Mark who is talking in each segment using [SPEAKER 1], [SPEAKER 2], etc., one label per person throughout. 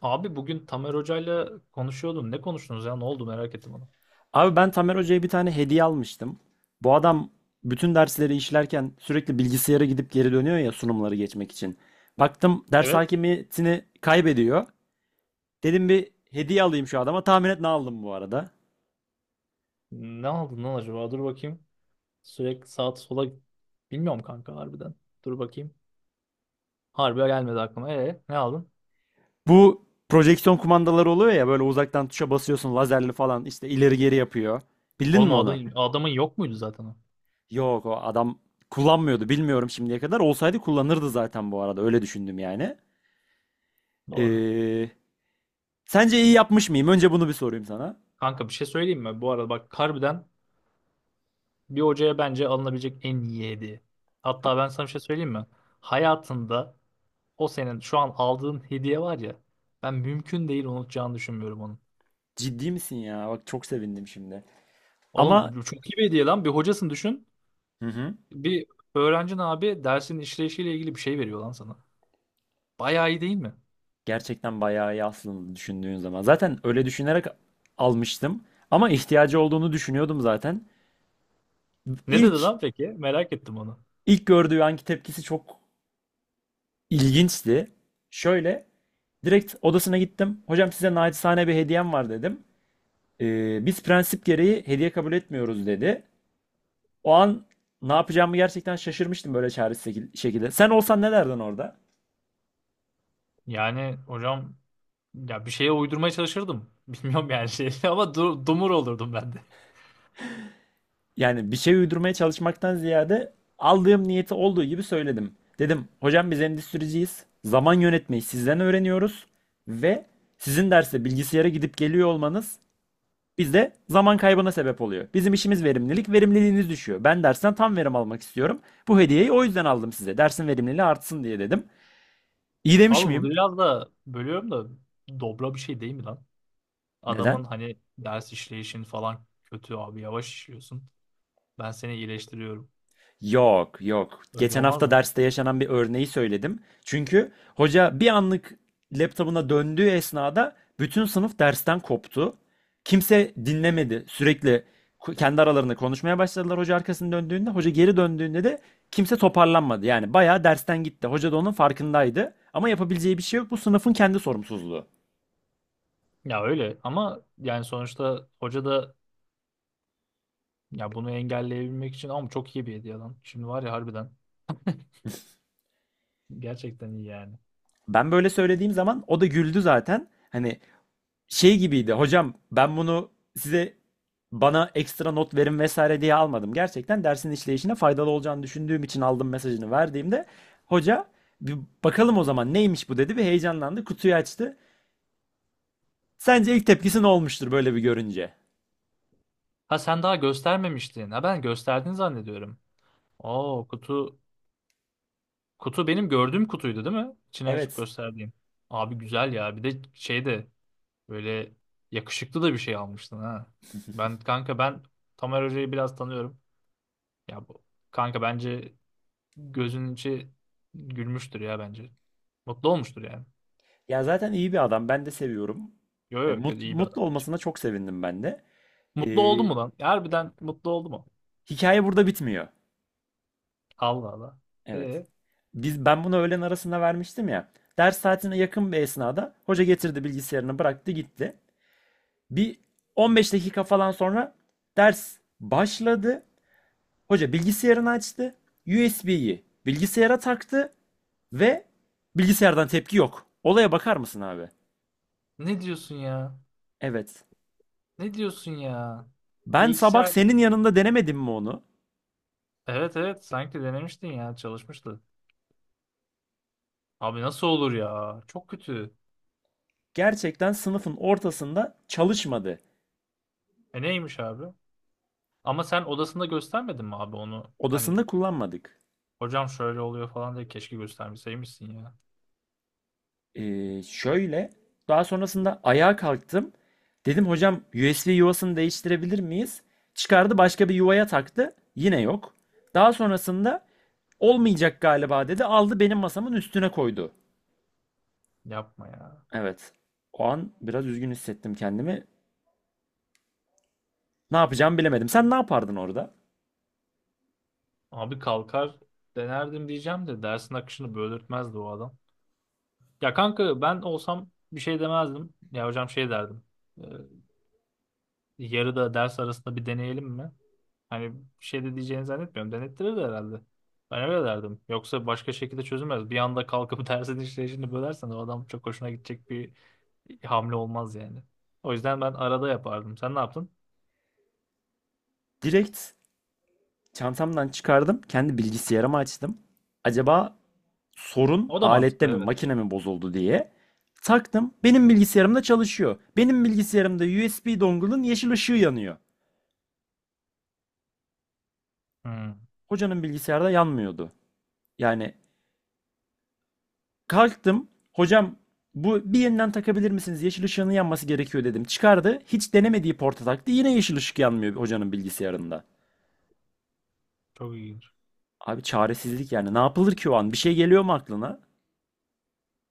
[SPEAKER 1] Abi bugün Tamer Hoca'yla konuşuyordum. Ne konuştunuz ya? Ne oldu? Merak ettim onu.
[SPEAKER 2] Abi ben Tamer Hoca'ya bir tane hediye almıştım. Bu adam bütün dersleri işlerken sürekli bilgisayara gidip geri dönüyor ya sunumları geçmek için. Baktım ders
[SPEAKER 1] Evet.
[SPEAKER 2] hakimiyetini kaybediyor. Dedim bir hediye alayım şu adama. Tahmin et ne aldım bu arada.
[SPEAKER 1] Ne aldın lan acaba? Dur bakayım. Sürekli sağa sola... Bilmiyorum kanka harbiden. Dur bakayım. Harbi gelmedi aklıma. Ne aldın?
[SPEAKER 2] Bu projeksiyon kumandaları oluyor ya böyle uzaktan tuşa basıyorsun lazerli falan işte ileri geri yapıyor. Bildin
[SPEAKER 1] Oğlum
[SPEAKER 2] mi
[SPEAKER 1] o adam,
[SPEAKER 2] onu?
[SPEAKER 1] adamın yok muydu zaten o?
[SPEAKER 2] Yok, o adam kullanmıyordu bilmiyorum şimdiye kadar. Olsaydı kullanırdı zaten bu arada öyle düşündüm yani.
[SPEAKER 1] Doğru.
[SPEAKER 2] Ee, Sence iyi yapmış mıyım? Önce bunu bir sorayım sana.
[SPEAKER 1] Kanka bir şey söyleyeyim mi? Bu arada bak harbiden bir hocaya bence alınabilecek en iyi hediye. Hatta ben sana bir şey söyleyeyim mi? Hayatında o senin şu an aldığın hediye var ya. Ben mümkün değil unutacağını düşünmüyorum onun.
[SPEAKER 2] Ciddi misin ya? Bak çok sevindim şimdi. Ama
[SPEAKER 1] Oğlum çok iyi bir hediye lan. Bir hocasını düşün.
[SPEAKER 2] hı hı,
[SPEAKER 1] Bir öğrencin abi dersin işleyişiyle ilgili bir şey veriyor lan sana. Bayağı iyi değil mi?
[SPEAKER 2] gerçekten bayağı iyi aslında düşündüğün zaman. Zaten öyle düşünerek almıştım. Ama ihtiyacı olduğunu düşünüyordum zaten.
[SPEAKER 1] Ne dedi
[SPEAKER 2] İlk
[SPEAKER 1] lan peki? Merak ettim onu.
[SPEAKER 2] ilk gördüğü anki tepkisi çok ilginçti. Şöyle direkt odasına gittim. Hocam size naçizane bir hediyem var dedim. Biz prensip gereği hediye kabul etmiyoruz" dedi. O an ne yapacağımı gerçekten şaşırmıştım böyle çaresiz şekilde. Sen olsan ne derdin orada?
[SPEAKER 1] Yani hocam ya bir şeye uydurmaya çalışırdım. Bilmiyorum yani şey ama dumur olurdum ben de.
[SPEAKER 2] Yani bir şey uydurmaya çalışmaktan ziyade aldığım niyeti olduğu gibi söyledim. Dedim hocam biz endüstriciyiz. Zaman yönetmeyi sizden öğreniyoruz ve sizin derste bilgisayara gidip geliyor olmanız bizde zaman kaybına sebep oluyor. Bizim işimiz verimlilik, verimliliğiniz düşüyor. Ben dersten tam verim almak istiyorum. Bu hediyeyi o yüzden aldım size. Dersin verimliliği artsın diye dedim. İyi demiş
[SPEAKER 1] Abi bu
[SPEAKER 2] miyim?
[SPEAKER 1] biraz da bölüyorum da dobra bir şey değil mi lan?
[SPEAKER 2] Neden?
[SPEAKER 1] Adamın hani ders işleyişin falan kötü abi yavaş işliyorsun. Ben seni iyileştiriyorum.
[SPEAKER 2] Yok, yok.
[SPEAKER 1] Öyle
[SPEAKER 2] Geçen
[SPEAKER 1] olmaz
[SPEAKER 2] hafta
[SPEAKER 1] mı?
[SPEAKER 2] derste yaşanan bir örneği söyledim. Çünkü hoca bir anlık laptopuna döndüğü esnada bütün sınıf dersten koptu. Kimse dinlemedi. Sürekli kendi aralarında konuşmaya başladılar hoca arkasını döndüğünde. Hoca geri döndüğünde de kimse toparlanmadı. Yani bayağı dersten gitti. Hoca da onun farkındaydı. Ama yapabileceği bir şey yok. Bu sınıfın kendi sorumsuzluğu.
[SPEAKER 1] Ya öyle ama yani sonuçta hoca da ya bunu engelleyebilmek için ama çok iyi bir hediye lan. Şimdi var ya harbiden. Gerçekten iyi yani.
[SPEAKER 2] Ben böyle söylediğim zaman o da güldü zaten. Hani şey gibiydi. Hocam ben bunu size bana ekstra not verin vesaire diye almadım. Gerçekten dersin işleyişine faydalı olacağını düşündüğüm için aldım mesajını verdiğimde hoca bir bakalım o zaman neymiş bu dedi ve heyecanlandı. Kutuyu açtı. Sence ilk tepkisi ne olmuştur böyle bir görünce?
[SPEAKER 1] Ha sen daha göstermemiştin. Ha ben gösterdin zannediyorum. Oo, kutu benim gördüğüm kutuydu değil mi? İçini açıp
[SPEAKER 2] Evet.
[SPEAKER 1] gösterdiğim. Abi güzel ya. Bir de şey de böyle yakışıklı da bir şey almıştın ha. Kanka ben Tamer Hoca'yı biraz tanıyorum. Ya bu kanka bence gözünün içi gülmüştür ya bence. Mutlu olmuştur yani.
[SPEAKER 2] Ya zaten iyi bir adam. Ben de seviyorum.
[SPEAKER 1] Yo
[SPEAKER 2] E,
[SPEAKER 1] yo yo, iyi bir
[SPEAKER 2] mutlu
[SPEAKER 1] adam. Bence.
[SPEAKER 2] olmasına çok sevindim ben de. E,
[SPEAKER 1] Mutlu oldu mu lan? Harbiden mutlu oldu mu?
[SPEAKER 2] hikaye burada bitmiyor.
[SPEAKER 1] Allah Allah.
[SPEAKER 2] Evet.
[SPEAKER 1] E
[SPEAKER 2] Ben bunu öğlen arasında vermiştim ya. Ders saatine yakın bir esnada hoca getirdi bilgisayarını bıraktı gitti. Bir 15 dakika falan sonra ders başladı. Hoca bilgisayarını açtı. USB'yi bilgisayara taktı ve bilgisayardan tepki yok. Olaya bakar mısın abi?
[SPEAKER 1] Ne diyorsun ya?
[SPEAKER 2] Evet.
[SPEAKER 1] Ne diyorsun ya?
[SPEAKER 2] Ben sabah
[SPEAKER 1] Bilgisayar.
[SPEAKER 2] senin yanında denemedim mi onu?
[SPEAKER 1] Evet evet, sanki denemiştin ya, çalışmıştı. Abi nasıl olur ya? Çok kötü.
[SPEAKER 2] Gerçekten sınıfın ortasında çalışmadı.
[SPEAKER 1] E neymiş abi? Ama sen odasında göstermedin mi abi onu? Hani
[SPEAKER 2] Odasında kullanmadık.
[SPEAKER 1] hocam şöyle oluyor falan diye keşke göstermeseymişsin ya.
[SPEAKER 2] Şöyle daha sonrasında ayağa kalktım. Dedim hocam USB yuvasını değiştirebilir miyiz? Çıkardı başka bir yuvaya taktı. Yine yok. Daha sonrasında olmayacak galiba dedi. Aldı benim masamın üstüne koydu.
[SPEAKER 1] Yapma ya.
[SPEAKER 2] Evet. O an biraz üzgün hissettim kendimi. Ne yapacağımı bilemedim. Sen ne yapardın orada?
[SPEAKER 1] Abi kalkar denerdim diyeceğim de dersin akışını böldürtmezdi o adam. Ya kanka ben olsam bir şey demezdim. Ya hocam şey derdim. "Ee, Yarıda ders arasında bir deneyelim mi? Hani bir şey de diyeceğini zannetmiyorum. Denettirir de herhalde. Ben öyle derdim. Yoksa başka şekilde çözülmez. Bir anda kalkıp dersin işleyişini bölersen o adam çok hoşuna gidecek bir hamle olmaz yani. O yüzden ben arada yapardım. Sen ne yaptın?
[SPEAKER 2] Direkt çantamdan çıkardım. Kendi bilgisayarımı açtım. Acaba sorun
[SPEAKER 1] O da
[SPEAKER 2] alette
[SPEAKER 1] mantıklı,
[SPEAKER 2] mi
[SPEAKER 1] evet.
[SPEAKER 2] makine mi bozuldu diye taktım. Benim bilgisayarımda çalışıyor. Benim bilgisayarımda USB dongle'ın yeşil ışığı yanıyor.
[SPEAKER 1] Hmm,
[SPEAKER 2] Hocanın bilgisayarda yanmıyordu. Yani kalktım. Hocam bu bir yeniden takabilir misiniz? Yeşil ışığının yanması gerekiyor dedim. Çıkardı. Hiç denemediği porta taktı. Yine yeşil ışık yanmıyor hocanın bilgisayarında.
[SPEAKER 1] çok ilginç.
[SPEAKER 2] Abi çaresizlik yani. Ne yapılır ki o an? Bir şey geliyor mu aklına?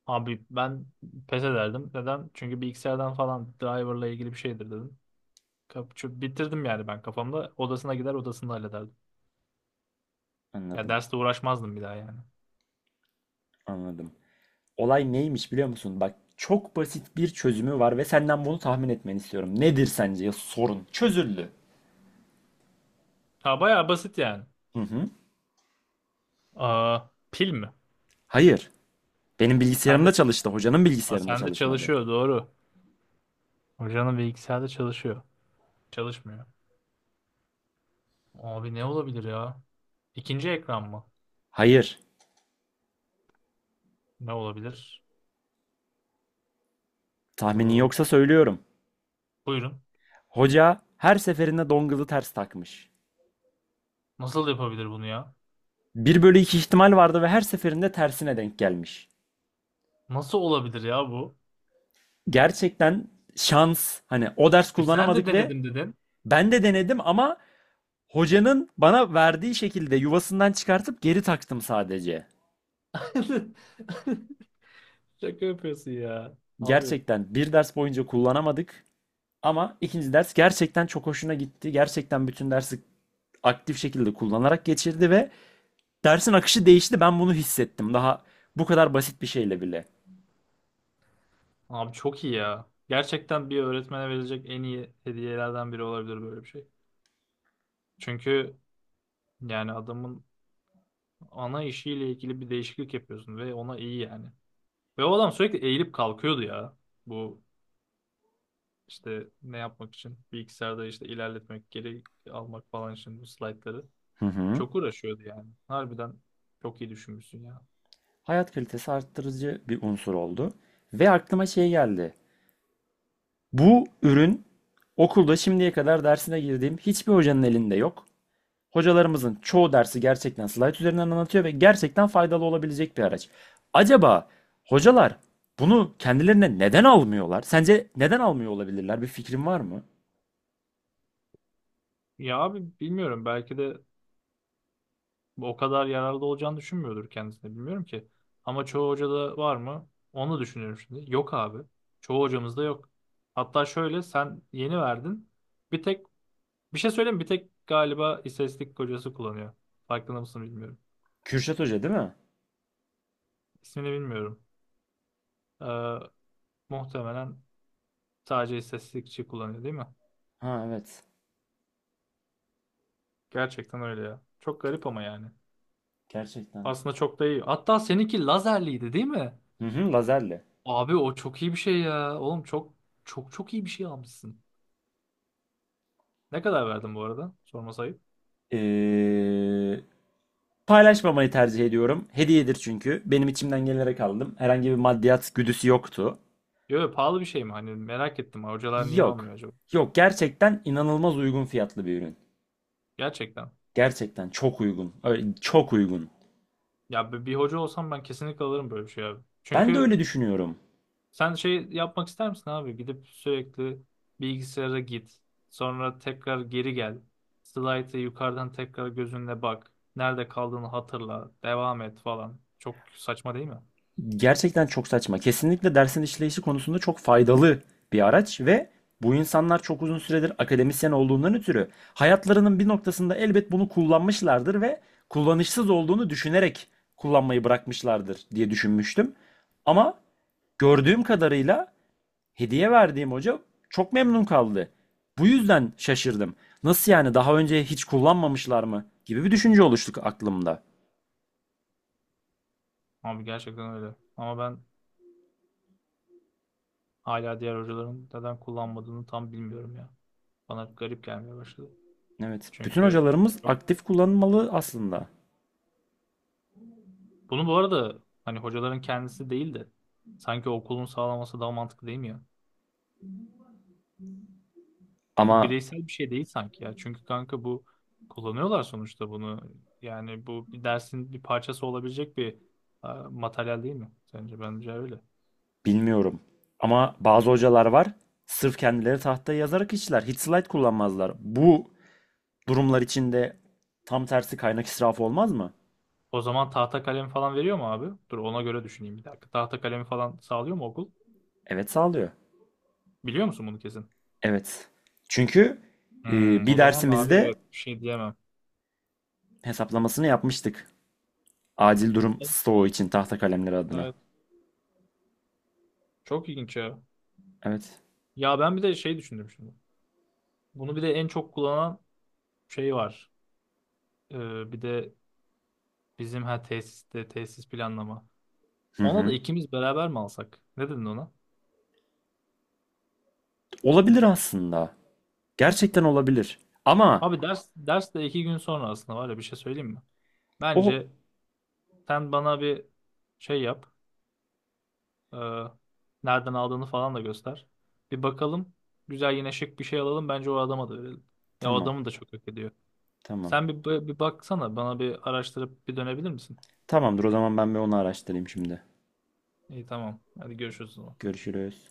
[SPEAKER 1] Abi ben pes ederdim. Neden? Çünkü bilgisayardan falan driverla ilgili bir şeydir dedim. Bitirdim yani ben kafamda. Odasına gider odasında hallederdim. Ya
[SPEAKER 2] Anladım.
[SPEAKER 1] derste uğraşmazdım bir daha yani.
[SPEAKER 2] Anladım. Olay neymiş biliyor musun? Bak çok basit bir çözümü var ve senden bunu tahmin etmeni istiyorum. Nedir sence sorun? Çözüldü.
[SPEAKER 1] Ha bayağı basit yani.
[SPEAKER 2] Hı hı.
[SPEAKER 1] Aa, pil mi?
[SPEAKER 2] Hayır. Benim
[SPEAKER 1] Sende,
[SPEAKER 2] bilgisayarımda
[SPEAKER 1] ç-
[SPEAKER 2] çalıştı. Hocanın
[SPEAKER 1] Aa,
[SPEAKER 2] bilgisayarında
[SPEAKER 1] sende
[SPEAKER 2] çalışmadı.
[SPEAKER 1] çalışıyor doğru. Hocanın bilgisayarda çalışıyor. Çalışmıyor. Abi ne olabilir ya? İkinci ekran mı?
[SPEAKER 2] Hayır.
[SPEAKER 1] Ne olabilir?
[SPEAKER 2] Tahminin
[SPEAKER 1] Ee,
[SPEAKER 2] yoksa söylüyorum.
[SPEAKER 1] Buyurun.
[SPEAKER 2] Hoca her seferinde dongle'ı ters takmış.
[SPEAKER 1] Nasıl yapabilir bunu ya?
[SPEAKER 2] Bir bölü 2 ihtimal vardı ve her seferinde tersine denk gelmiş.
[SPEAKER 1] Nasıl olabilir ya bu?
[SPEAKER 2] Gerçekten şans. Hani o ders
[SPEAKER 1] E sen de
[SPEAKER 2] kullanamadık ve
[SPEAKER 1] denedim dedin.
[SPEAKER 2] ben de denedim ama hocanın bana verdiği şekilde yuvasından çıkartıp geri taktım sadece.
[SPEAKER 1] Şaka yapıyorsun ya. Abi.
[SPEAKER 2] Gerçekten bir ders boyunca kullanamadık ama ikinci ders gerçekten çok hoşuna gitti. Gerçekten bütün dersi aktif şekilde kullanarak geçirdi ve dersin akışı değişti. Ben bunu hissettim. Daha bu kadar basit bir şeyle bile.
[SPEAKER 1] Abi çok iyi ya. Gerçekten bir öğretmene verilecek en iyi hediyelerden biri olabilir böyle bir şey. Çünkü yani adamın ana işiyle ilgili bir değişiklik yapıyorsun ve ona iyi yani. Ve o adam sürekli eğilip kalkıyordu ya. Bu işte ne yapmak için? Bilgisayarda işte ilerletmek, geri almak falan için bu slaytları.
[SPEAKER 2] Hı hı.
[SPEAKER 1] Çok uğraşıyordu yani. Harbiden çok iyi düşünmüşsün ya.
[SPEAKER 2] Hayat kalitesi arttırıcı bir unsur oldu. Ve aklıma şey geldi. Bu ürün okulda şimdiye kadar dersine girdiğim hiçbir hocanın elinde yok. Hocalarımızın çoğu dersi gerçekten slayt üzerinden anlatıyor ve gerçekten faydalı olabilecek bir araç. Acaba hocalar bunu kendilerine neden almıyorlar? Sence neden almıyor olabilirler? Bir fikrin var mı?
[SPEAKER 1] Ya abi bilmiyorum, belki de o kadar yararlı olacağını düşünmüyordur kendisine, bilmiyorum ki. Ama çoğu hocada var mı? Onu düşünüyorum şimdi. Yok abi. Çoğu hocamızda yok. Hatta şöyle sen yeni verdin. Bir tek bir şey söyleyeyim mi? Bir tek galiba istatistik kocası kullanıyor. Farkında mısın bilmiyorum.
[SPEAKER 2] Kürşat Hoca değil mi?
[SPEAKER 1] İsmini bilmiyorum. Ee, Muhtemelen sadece istatistikçi kullanıyor değil mi?
[SPEAKER 2] Ha evet.
[SPEAKER 1] Gerçekten öyle ya. Çok garip ama yani.
[SPEAKER 2] Gerçekten.
[SPEAKER 1] Aslında çok da iyi. Hatta seninki lazerliydi değil mi?
[SPEAKER 2] Hı hı, lazerle.
[SPEAKER 1] Abi o çok iyi bir şey ya. Oğlum çok çok çok iyi bir şey almışsın. Ne kadar verdin bu arada? Sorması ayıp.
[SPEAKER 2] Ee, Paylaşmamayı tercih ediyorum. Hediyedir çünkü. Benim içimden gelerek aldım. Herhangi bir maddiyat güdüsü yoktu.
[SPEAKER 1] Yo, yo, pahalı bir şey mi? Hani merak ettim. Hocalar niye almıyor
[SPEAKER 2] Yok.
[SPEAKER 1] acaba?
[SPEAKER 2] Yok, gerçekten inanılmaz uygun fiyatlı bir ürün.
[SPEAKER 1] Gerçekten.
[SPEAKER 2] Gerçekten çok uygun. Öyle, çok uygun.
[SPEAKER 1] Ya bir hoca olsam ben kesinlikle alırım böyle bir şey abi.
[SPEAKER 2] Ben de
[SPEAKER 1] Çünkü
[SPEAKER 2] öyle düşünüyorum.
[SPEAKER 1] sen şey yapmak ister misin abi? Gidip sürekli bilgisayara git. Sonra tekrar geri gel. Slide'ı yukarıdan tekrar gözünle bak. Nerede kaldığını hatırla. Devam et falan. Çok saçma değil mi?
[SPEAKER 2] Gerçekten çok saçma. Kesinlikle dersin işleyişi konusunda çok faydalı bir araç ve bu insanlar çok uzun süredir akademisyen olduğundan ötürü hayatlarının bir noktasında elbet bunu kullanmışlardır ve kullanışsız olduğunu düşünerek kullanmayı bırakmışlardır diye düşünmüştüm. Ama gördüğüm kadarıyla hediye verdiğim hoca çok memnun kaldı. Bu yüzden şaşırdım. Nasıl yani daha önce hiç kullanmamışlar mı gibi bir düşünce oluştu aklımda.
[SPEAKER 1] Abi gerçekten öyle. Ama ben hala diğer hocaların neden kullanmadığını tam bilmiyorum ya. Bana garip gelmeye başladı.
[SPEAKER 2] Evet. Bütün
[SPEAKER 1] Çünkü
[SPEAKER 2] hocalarımız
[SPEAKER 1] çok...
[SPEAKER 2] aktif kullanılmalı aslında.
[SPEAKER 1] bunu bu arada hani hocaların kendisi değil de sanki okulun sağlaması daha mantıklı değil mi ya? Bu
[SPEAKER 2] Ama
[SPEAKER 1] bireysel bir şey değil sanki ya. Çünkü kanka bu kullanıyorlar sonuçta bunu. Yani bu bir dersin bir parçası olabilecek bir materyal değil mi? Sence bence öyle.
[SPEAKER 2] bilmiyorum. Ama bazı hocalar var. Sırf kendileri tahtaya yazarak işler. Hiç slide kullanmazlar. Bu durumlar içinde tam tersi kaynak israfı olmaz mı?
[SPEAKER 1] O zaman tahta kalem falan veriyor mu abi? Dur ona göre düşüneyim bir dakika. Tahta kalemi falan sağlıyor mu okul?
[SPEAKER 2] Evet sağlıyor.
[SPEAKER 1] Biliyor musun bunu kesin?
[SPEAKER 2] Evet. Çünkü
[SPEAKER 1] Hmm,
[SPEAKER 2] bir
[SPEAKER 1] o zaman abi
[SPEAKER 2] dersimizde
[SPEAKER 1] evet bir şey diyemem.
[SPEAKER 2] hesaplamasını yapmıştık. Acil durum stoğu için tahta kalemler adına.
[SPEAKER 1] Evet. Çok ilginç ya.
[SPEAKER 2] Evet.
[SPEAKER 1] Ya ben bir de şey düşündüm şimdi. Bunu bir de en çok kullanan şey var. Bir de bizim ha tesiste tesis planlama.
[SPEAKER 2] Hı
[SPEAKER 1] Ona da
[SPEAKER 2] hı.
[SPEAKER 1] ikimiz beraber mi alsak? Ne dedin ona?
[SPEAKER 2] Olabilir aslında. Gerçekten olabilir. Ama
[SPEAKER 1] Abi ders ders de iki gün sonra aslında var ya bir şey söyleyeyim mi?
[SPEAKER 2] o
[SPEAKER 1] Bence sen bana bir şey yap. Ee, Nereden aldığını falan da göster. Bir bakalım. Güzel yine şık bir şey alalım. Bence o adama da verelim. Ya o
[SPEAKER 2] tamam.
[SPEAKER 1] adamı da çok hak ediyor.
[SPEAKER 2] Tamam.
[SPEAKER 1] Sen bir baksana. Bana bir araştırıp bir dönebilir misin?
[SPEAKER 2] Tamamdır o zaman ben bir onu araştırayım şimdi.
[SPEAKER 1] İyi tamam. Hadi görüşürüz o zaman.
[SPEAKER 2] Görüşürüz.